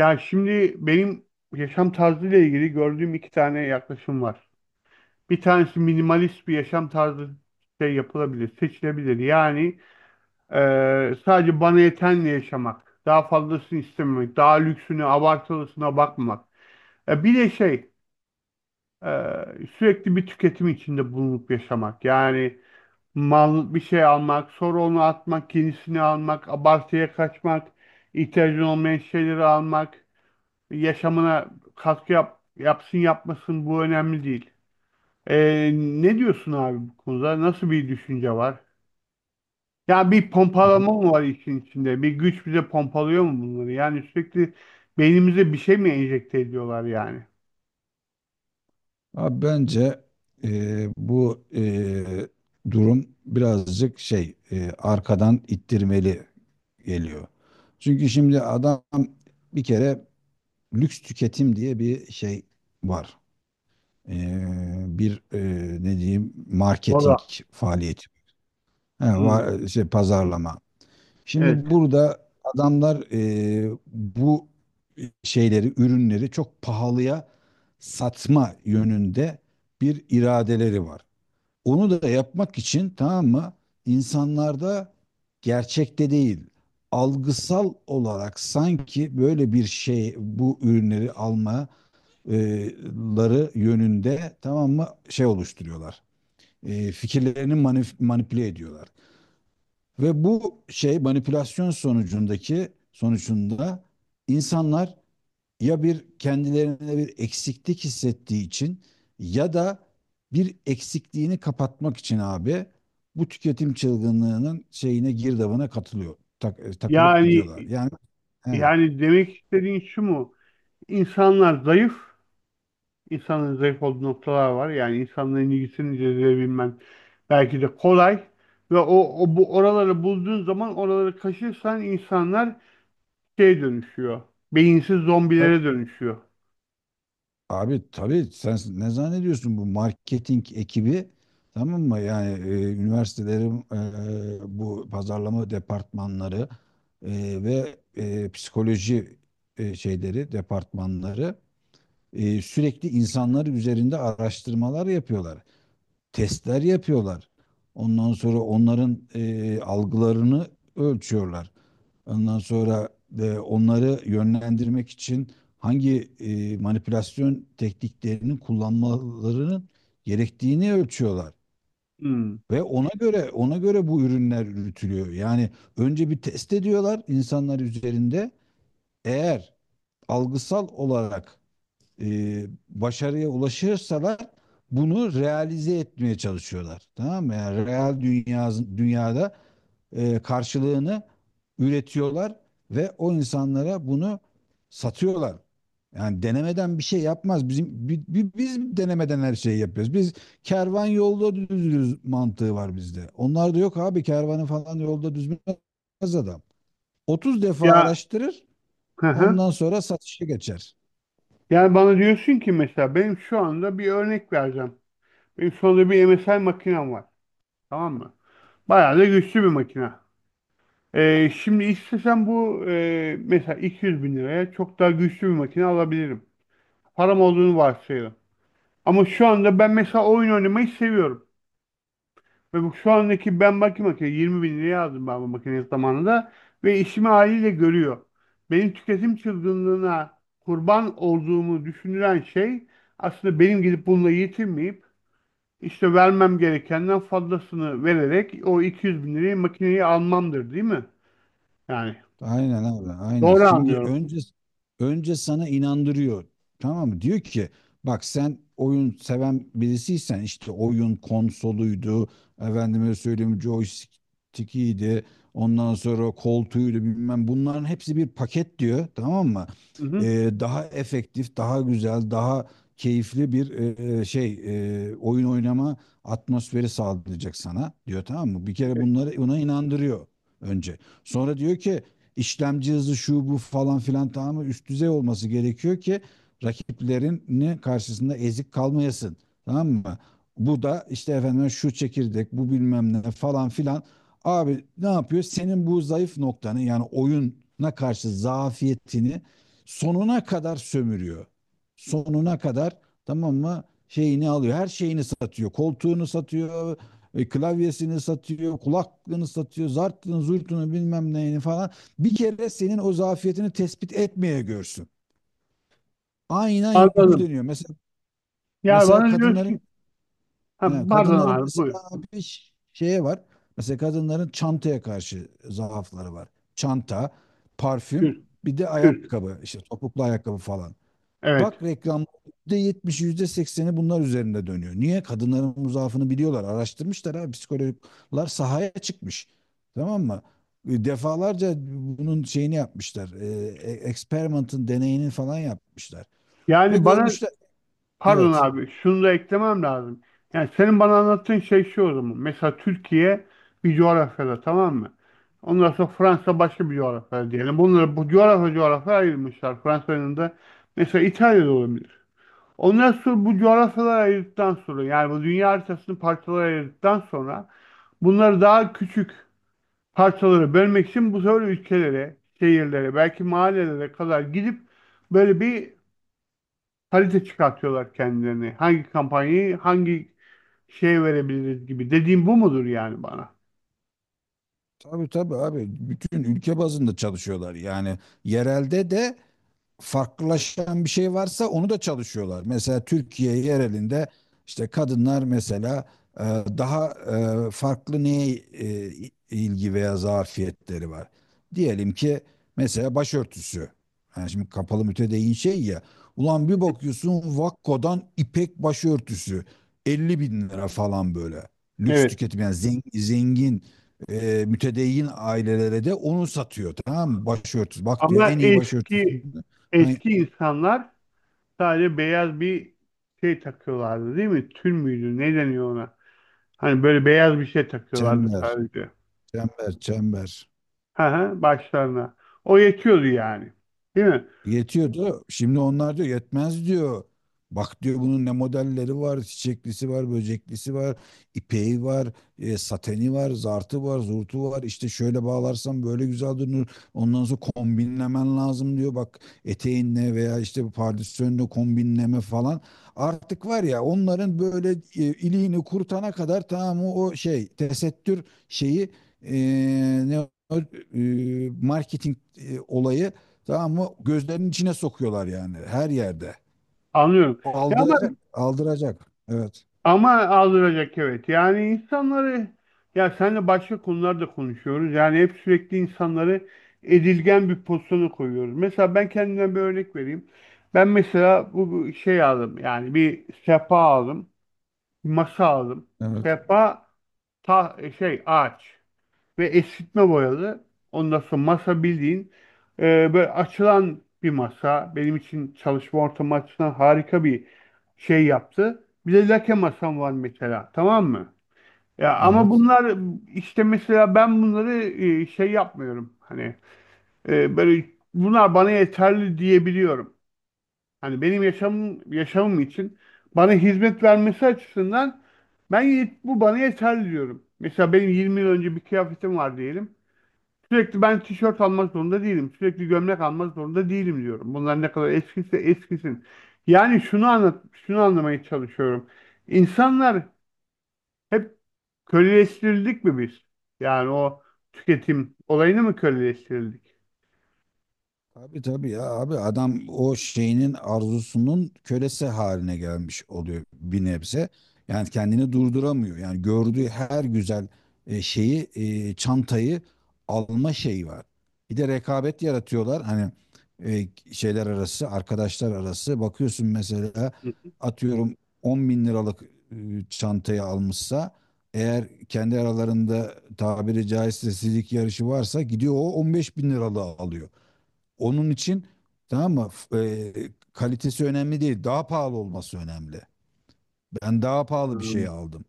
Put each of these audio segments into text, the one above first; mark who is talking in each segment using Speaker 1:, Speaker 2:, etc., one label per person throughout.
Speaker 1: Ya şimdi benim yaşam tarzıyla ilgili gördüğüm iki tane yaklaşım var. Bir tanesi minimalist bir yaşam tarzı şey yapılabilir, seçilebilir. Yani sadece bana yetenle yaşamak, daha fazlasını istememek, daha lüksüne, abartılısına bakmamak. Bir de e, sürekli bir tüketim içinde bulunup yaşamak. Yani mal bir şey almak, sonra onu atmak, yenisini almak, abartıya kaçmak, ihtiyacın olmayan şeyleri almak. Yaşamına katkı yap, yapsın yapmasın bu önemli değil. Ne diyorsun abi bu konuda? Nasıl bir düşünce var? Ya bir pompalama mı var işin içinde? Bir güç bize pompalıyor mu bunları? Yani sürekli beynimize bir şey mi enjekte ediyorlar yani?
Speaker 2: Abi bence e, bu e, durum birazcık şey arkadan ittirmeli geliyor. Çünkü şimdi adam bir kere lüks tüketim diye bir şey var. E, bir ne diyeyim
Speaker 1: Valla.
Speaker 2: marketing faaliyeti. He,
Speaker 1: Hmm.
Speaker 2: var, şey, pazarlama.
Speaker 1: Evet.
Speaker 2: Şimdi burada adamlar bu şeyleri, ürünleri çok pahalıya satma yönünde bir iradeleri var. Onu da yapmak için, tamam mı? İnsanlarda gerçekte değil, algısal olarak sanki böyle bir şey, bu ürünleri almaları yönünde, tamam mı, şey oluşturuyorlar. Fikirlerini manipüle ediyorlar. Ve bu şey manipülasyon sonucunda insanlar ya bir kendilerine bir eksiklik hissettiği için ya da bir eksikliğini kapatmak için abi bu tüketim çılgınlığının girdabına katılıyor. Takılıp
Speaker 1: Yani
Speaker 2: gidiyorlar. Yani
Speaker 1: yani demek istediğin şu mu? İnsanlar zayıf. İnsanın zayıf olduğu noktalar var. Yani insanların ilgisini cezbedebilmen belki de kolay. Ve o, o bu oraları bulduğun zaman oraları kaşırsan insanlar şey dönüşüyor. Beyinsiz
Speaker 2: he.
Speaker 1: zombilere dönüşüyor.
Speaker 2: Abi tabii sen ne zannediyorsun bu marketing ekibi, tamam mı? Yani üniversitelerin bu pazarlama departmanları ve psikoloji şeyleri departmanları sürekli insanlar üzerinde araştırmalar yapıyorlar. Testler yapıyorlar. Ondan sonra onların algılarını ölçüyorlar. Ondan sonra onları yönlendirmek için hangi manipülasyon tekniklerinin kullanmalarının gerektiğini ölçüyorlar.
Speaker 1: Hmm.
Speaker 2: Ve ona göre bu ürünler üretiliyor. Yani önce bir test ediyorlar insanlar üzerinde. Eğer algısal olarak başarıya ulaşırsalar bunu realize etmeye çalışıyorlar. Tamam mı? Yani dünyada karşılığını üretiyorlar ve o insanlara bunu satıyorlar. Yani denemeden bir şey yapmaz. Biz denemeden her şeyi yapıyoruz. Biz kervan yolda düzülür mantığı var bizde. Onlarda yok abi, kervanı falan yolda düzmez adam. 30 defa
Speaker 1: Ya,
Speaker 2: araştırır,
Speaker 1: hı hı.
Speaker 2: ondan sonra satışa geçer.
Speaker 1: Yani bana diyorsun ki mesela benim şu anda bir örnek vereceğim. Benim şu anda bir MSI makinem var. Tamam mı? Bayağı da güçlü bir makine. Şimdi istesem bu mesela 200 bin liraya çok daha güçlü bir makine alabilirim. Param olduğunu varsayalım. Ama şu anda ben mesela oyun oynamayı seviyorum. Ve bu şu andaki ben bakayım makine 20 bin liraya aldım ben bu makineyi zamanında ve işimi haliyle görüyor. Benim tüketim çılgınlığına kurban olduğumu düşünülen şey aslında benim gidip bununla yetinmeyip işte vermem gerekenden fazlasını vererek o 200 bin liraya makineyi almamdır değil mi? Yani
Speaker 2: Aynen abi, aynen.
Speaker 1: doğru
Speaker 2: Şimdi
Speaker 1: anlıyorum.
Speaker 2: önce sana inandırıyor. Tamam mı? Diyor ki bak, sen oyun seven birisiysen işte oyun konsoluydu, efendime söyleyeyim joystick'iydi, ondan sonra koltuğuydu bilmem, bunların hepsi bir paket diyor. Tamam mı?
Speaker 1: Hı hı.
Speaker 2: Daha efektif, daha güzel, daha keyifli bir şey, oyun oynama atmosferi sağlayacak sana diyor, tamam mı? Bir kere bunları ona inandırıyor önce. Sonra diyor ki işlemci hızı şu bu falan filan tamamı üst düzey olması gerekiyor ki rakiplerini karşısında ezik kalmayasın. Tamam mı? Bu da işte efendim şu çekirdek, bu bilmem ne falan filan. Abi ne yapıyor? Senin bu zayıf noktanı yani oyuna karşı zafiyetini sonuna kadar sömürüyor. Sonuna kadar, tamam mı? Şeyini alıyor. Her şeyini satıyor. Koltuğunu satıyor, klavyesini satıyor, kulaklığını satıyor, zartını, zurtunu bilmem neyini falan, bir kere senin o zafiyetini tespit etmeye görsün. Aynen
Speaker 1: Anladım.
Speaker 2: yükleniyor. Mesela
Speaker 1: Ya
Speaker 2: mesela
Speaker 1: bana diyorsun
Speaker 2: kadınların
Speaker 1: ki, ha,
Speaker 2: he,
Speaker 1: pardon
Speaker 2: kadınların
Speaker 1: abi buyur.
Speaker 2: mesela bir şeye var. Mesela kadınların çantaya karşı zaafları var. Çanta, parfüm,
Speaker 1: Kürk,
Speaker 2: bir de
Speaker 1: kürk.
Speaker 2: ayakkabı, işte topuklu ayakkabı falan.
Speaker 1: Evet.
Speaker 2: Bak, reklam %70, yüzde sekseni bunlar üzerinde dönüyor. Niye? Kadınların zaafını biliyorlar. Araştırmışlar abi. Psikologlar sahaya çıkmış. Tamam mı? Defalarca bunun şeyini yapmışlar. Experiment'ın deneyini falan yapmışlar. Ve
Speaker 1: Yani bana.
Speaker 2: görmüşler.
Speaker 1: Pardon
Speaker 2: Evet.
Speaker 1: abi, şunu da eklemem lazım. Yani senin bana anlattığın şey şu o zaman. Mesela Türkiye bir coğrafyada, tamam mı? Ondan sonra Fransa başka bir coğrafyada diyelim. Bunları bu coğrafya coğrafya ayırmışlar. Fransa'nın da mesela İtalya'da olabilir. Ondan sonra bu coğrafyaları ayırdıktan sonra yani bu dünya haritasını parçalara ayırdıktan sonra bunları daha küçük parçalara bölmek için bu sefer ülkelere, şehirlere, belki mahallelere kadar gidip böyle bir harita çıkartıyorlar kendilerini. Hangi kampanyayı hangi şeye verebiliriz gibi. Dediğim bu mudur yani bana?
Speaker 2: Tabii tabii abi. Bütün ülke bazında çalışıyorlar. Yani yerelde de farklılaşan bir şey varsa onu da çalışıyorlar. Mesela Türkiye yerelinde işte kadınlar mesela e, daha farklı neye ilgi veya zafiyetleri var. Diyelim ki mesela başörtüsü. Yani şimdi kapalı mütedeyyin şey ya. Ulan bir bakıyorsun Vakko'dan ipek başörtüsü 50 bin lira falan böyle. Lüks
Speaker 1: Evet.
Speaker 2: tüketim, yani zengin mütedeyyin ailelere de onu satıyor, tamam mı? Başörtüsü. Bak, diyor,
Speaker 1: Ama
Speaker 2: en iyi başörtüsü.
Speaker 1: eski
Speaker 2: Ay,
Speaker 1: eski insanlar sadece beyaz bir şey takıyorlardı değil mi? Tül müydü? Ne deniyor ona? Hani böyle beyaz bir şey takıyorlardı
Speaker 2: çember,
Speaker 1: sadece.
Speaker 2: çember, çember.
Speaker 1: Hı hı, başlarına. O yetiyordu yani. Değil mi?
Speaker 2: Yetiyordu. Şimdi onlar diyor yetmez diyor. Bak diyor bunun ne modelleri var, çiçeklisi var, böceklisi var, ipeği var, sateni var, zartı var, zurtu var. İşte şöyle bağlarsan böyle güzel durur. Ondan sonra kombinlemen lazım diyor. Bak, eteğinle veya işte pardösünle kombinleme falan. Artık var ya onların böyle iliğini kurtana kadar, tamam, o şey tesettür şeyi, e, ne o, marketing olayı. Tamam mı? Gözlerinin içine sokuyorlar yani, her yerde.
Speaker 1: Anlıyorum.
Speaker 2: O
Speaker 1: Ya ama.
Speaker 2: aldıracak, aldıracak. Evet,
Speaker 1: Ama aldıracak, evet. Yani insanları ya seninle başka konularda konuşuyoruz. Yani hep sürekli insanları edilgen bir pozisyona koyuyoruz. Mesela ben kendimden bir örnek vereyim. Ben mesela bu şey aldım. Yani bir sehpa aldım. Bir masa aldım.
Speaker 2: evet,
Speaker 1: Sehpa ta şey ağaç ve esitme boyalı. Ondan sonra masa bildiğin böyle açılan bir masa. Benim için çalışma ortamı açısından harika bir şey yaptı. Bir de lake masam var mesela. Tamam mı? Ya ama
Speaker 2: evet.
Speaker 1: bunlar işte mesela ben bunları şey yapmıyorum. Hani böyle bunlar bana yeterli diyebiliyorum. Hani benim yaşamım için bana hizmet vermesi açısından bu bana yeterli diyorum. Mesela benim 20 yıl önce bir kıyafetim var diyelim. Sürekli ben tişört almak zorunda değilim. Sürekli gömlek almak zorunda değilim diyorum. Bunlar ne kadar eskisi eskisin. Yani şunu anlat, şunu anlamaya çalışıyorum. İnsanlar hep köleleştirildik mi biz? Yani o tüketim olayını mı köleleştirildik?
Speaker 2: Tabii tabii ya abi, adam o şeyinin arzusunun kölesi haline gelmiş oluyor bir nebze. Yani kendini durduramıyor. Yani gördüğü her güzel şeyi, çantayı alma şeyi var. Bir de rekabet yaratıyorlar. Hani şeyler arası, arkadaşlar arası. Bakıyorsun mesela atıyorum 10 bin liralık e, çantayı almışsa eğer, kendi aralarında tabiri caizse sizlik yarışı varsa, gidiyor o 15 bin liralığı alıyor. Onun için, tamam mı? Kalitesi önemli değil. Daha pahalı olması önemli. Ben daha pahalı bir
Speaker 1: Hmm.
Speaker 2: şey aldım.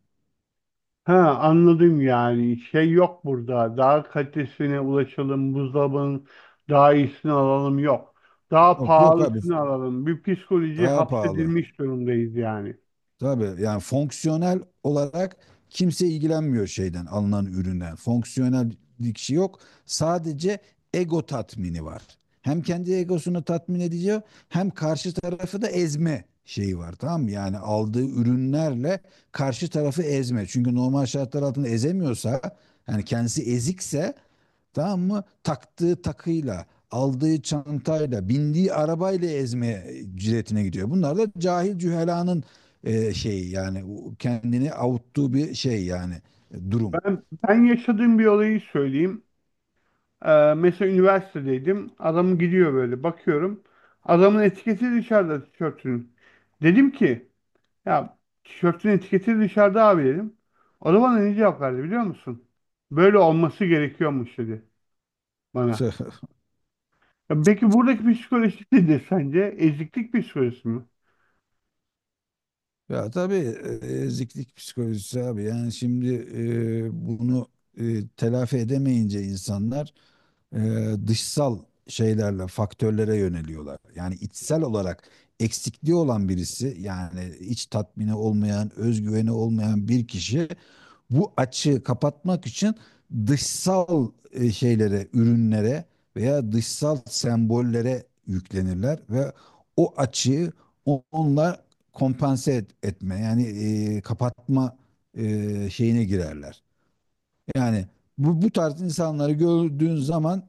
Speaker 1: Ha, anladım yani. Şey yok burada. Daha kalitesine ulaşalım. Buzdolabının daha iyisini alalım yok. Daha
Speaker 2: Yok yok abi,
Speaker 1: pahalısını alalım. Bir psikolojiye
Speaker 2: daha pahalı.
Speaker 1: hapsedilmiş durumdayız yani.
Speaker 2: Tabii yani fonksiyonel olarak kimse ilgilenmiyor şeyden, alınan üründen. Fonksiyonel bir şey yok. Sadece ego tatmini var. Hem kendi egosunu tatmin ediyor hem karşı tarafı da ezme şeyi var, tamam mı? Yani aldığı ürünlerle karşı tarafı ezme. Çünkü normal şartlar altında ezemiyorsa, yani kendisi ezikse, tamam mı, taktığı takıyla, aldığı çantayla, bindiği arabayla ezmeye ciletine gidiyor. Bunlar da cahil cühelanın şey yani, kendini avuttuğu bir şey yani, durum.
Speaker 1: Ben, ben yaşadığım bir olayı söyleyeyim. Mesela üniversitedeydim. Adam gidiyor böyle bakıyorum. Adamın etiketi dışarıda tişörtünün. Dedim ki ya, tişörtün etiketi dışarıda abi dedim. O da bana ne cevap verdi biliyor musun? Böyle olması gerekiyormuş dedi bana. Ya peki buradaki psikoloji nedir sence? Eziklik psikolojisi mi?
Speaker 2: Ya tabii eziklik psikolojisi abi. Yani şimdi bunu telafi edemeyince insanlar e, dışsal şeylerle, faktörlere yöneliyorlar. Yani içsel olarak eksikliği olan birisi, yani iç tatmini olmayan, özgüveni olmayan bir kişi bu açığı kapatmak için dışsal şeylere, ürünlere veya dışsal sembollere yüklenirler ve o açığı onlar kompanse etme, yani kapatma şeyine girerler. Yani bu tarz insanları gördüğün zaman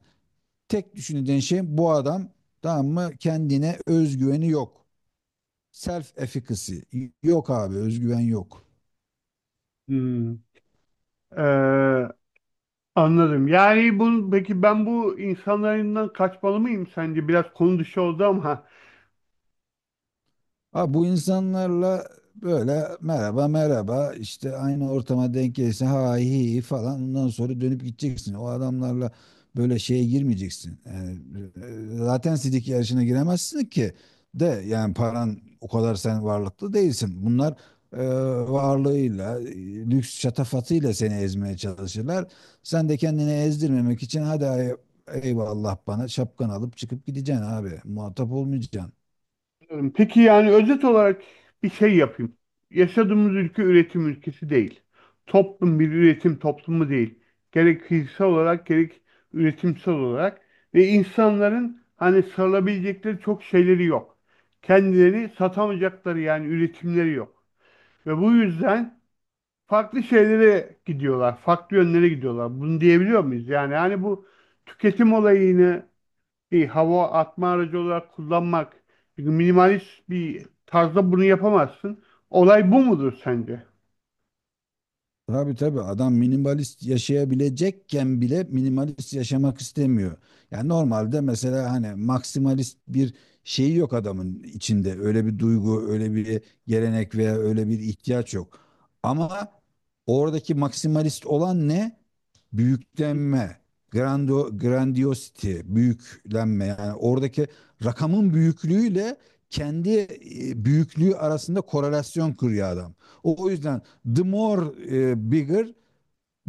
Speaker 2: tek düşündüğün şey, bu adam, tamam mı, kendine özgüveni yok. Self efficacy yok abi, özgüven yok.
Speaker 1: Hmm. Ee, anladım. Yani bu, peki ben bu insanlarından kaçmalı mıyım sence? Biraz konu dışı oldu ama.
Speaker 2: Ha, bu insanlarla böyle merhaba merhaba işte aynı ortama denk gelirse, ha hi hi falan, ondan sonra dönüp gideceksin. O adamlarla böyle şeye girmeyeceksin. Yani, zaten sidik yarışına giremezsin ki, de yani paran o kadar, sen varlıklı değilsin. Bunlar e, varlığıyla, lüks şatafatıyla seni ezmeye çalışırlar. Sen de kendini ezdirmemek için eyvallah bana, şapkan alıp çıkıp gideceksin abi. Muhatap olmayacaksın.
Speaker 1: Anladım. Peki yani özet olarak bir şey yapayım. Yaşadığımız ülke üretim ülkesi değil. Toplum bir üretim toplumu değil. Gerek fiziksel olarak gerek üretimsel olarak ve insanların hani sarılabilecekleri çok şeyleri yok. Kendileri satamayacakları yani üretimleri yok. Ve bu yüzden farklı şeylere gidiyorlar, farklı yönlere gidiyorlar. Bunu diyebiliyor muyuz? Yani hani bu tüketim olayını bir hava atma aracı olarak kullanmak. Çünkü minimalist bir tarzda bunu yapamazsın. Olay bu mudur sence?
Speaker 2: Tabii tabii adam minimalist yaşayabilecekken bile minimalist yaşamak istemiyor. Yani normalde mesela hani maksimalist bir şeyi yok adamın içinde. Öyle bir duygu, öyle bir gelenek veya öyle bir ihtiyaç yok. Ama oradaki maksimalist olan ne? Büyüklenme, grando, grandiosity, büyüklenme, yani oradaki rakamın büyüklüğüyle kendi büyüklüğü arasında korelasyon kuruyor adam. O yüzden the more bigger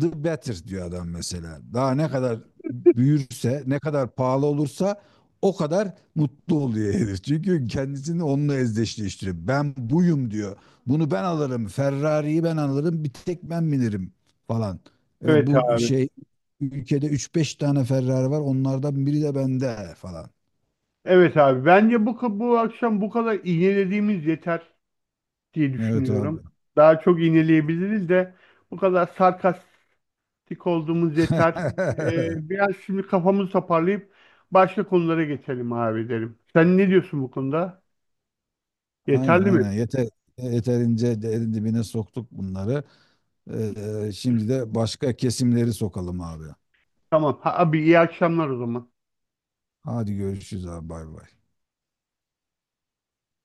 Speaker 2: the better diyor adam mesela. Daha ne kadar büyürse, ne kadar pahalı olursa o kadar mutlu oluyor herif. Çünkü kendisini onunla özdeşleştiriyor. Ben buyum diyor. Bunu ben alırım. Ferrari'yi ben alırım. Bir tek ben bilirim falan.
Speaker 1: Evet
Speaker 2: Bu
Speaker 1: abi.
Speaker 2: şey, ülkede üç beş tane Ferrari var. Onlardan biri de bende falan.
Speaker 1: Evet abi. Bence bu, bu akşam bu kadar iğnelediğimiz yeter diye
Speaker 2: Evet abi.
Speaker 1: düşünüyorum. Daha çok iğneleyebiliriz de bu kadar sarkastik olduğumuz yeter. Biraz şimdi kafamızı toparlayıp başka konulara geçelim abi derim. Sen ne diyorsun bu konuda?
Speaker 2: Aynen,
Speaker 1: Yeterli mi?
Speaker 2: aynen. Yeterince derin dibine soktuk bunları. Şimdi de başka kesimleri sokalım abi.
Speaker 1: Tamam. Ha, abi iyi akşamlar o zaman.
Speaker 2: Hadi görüşürüz abi, bay bay.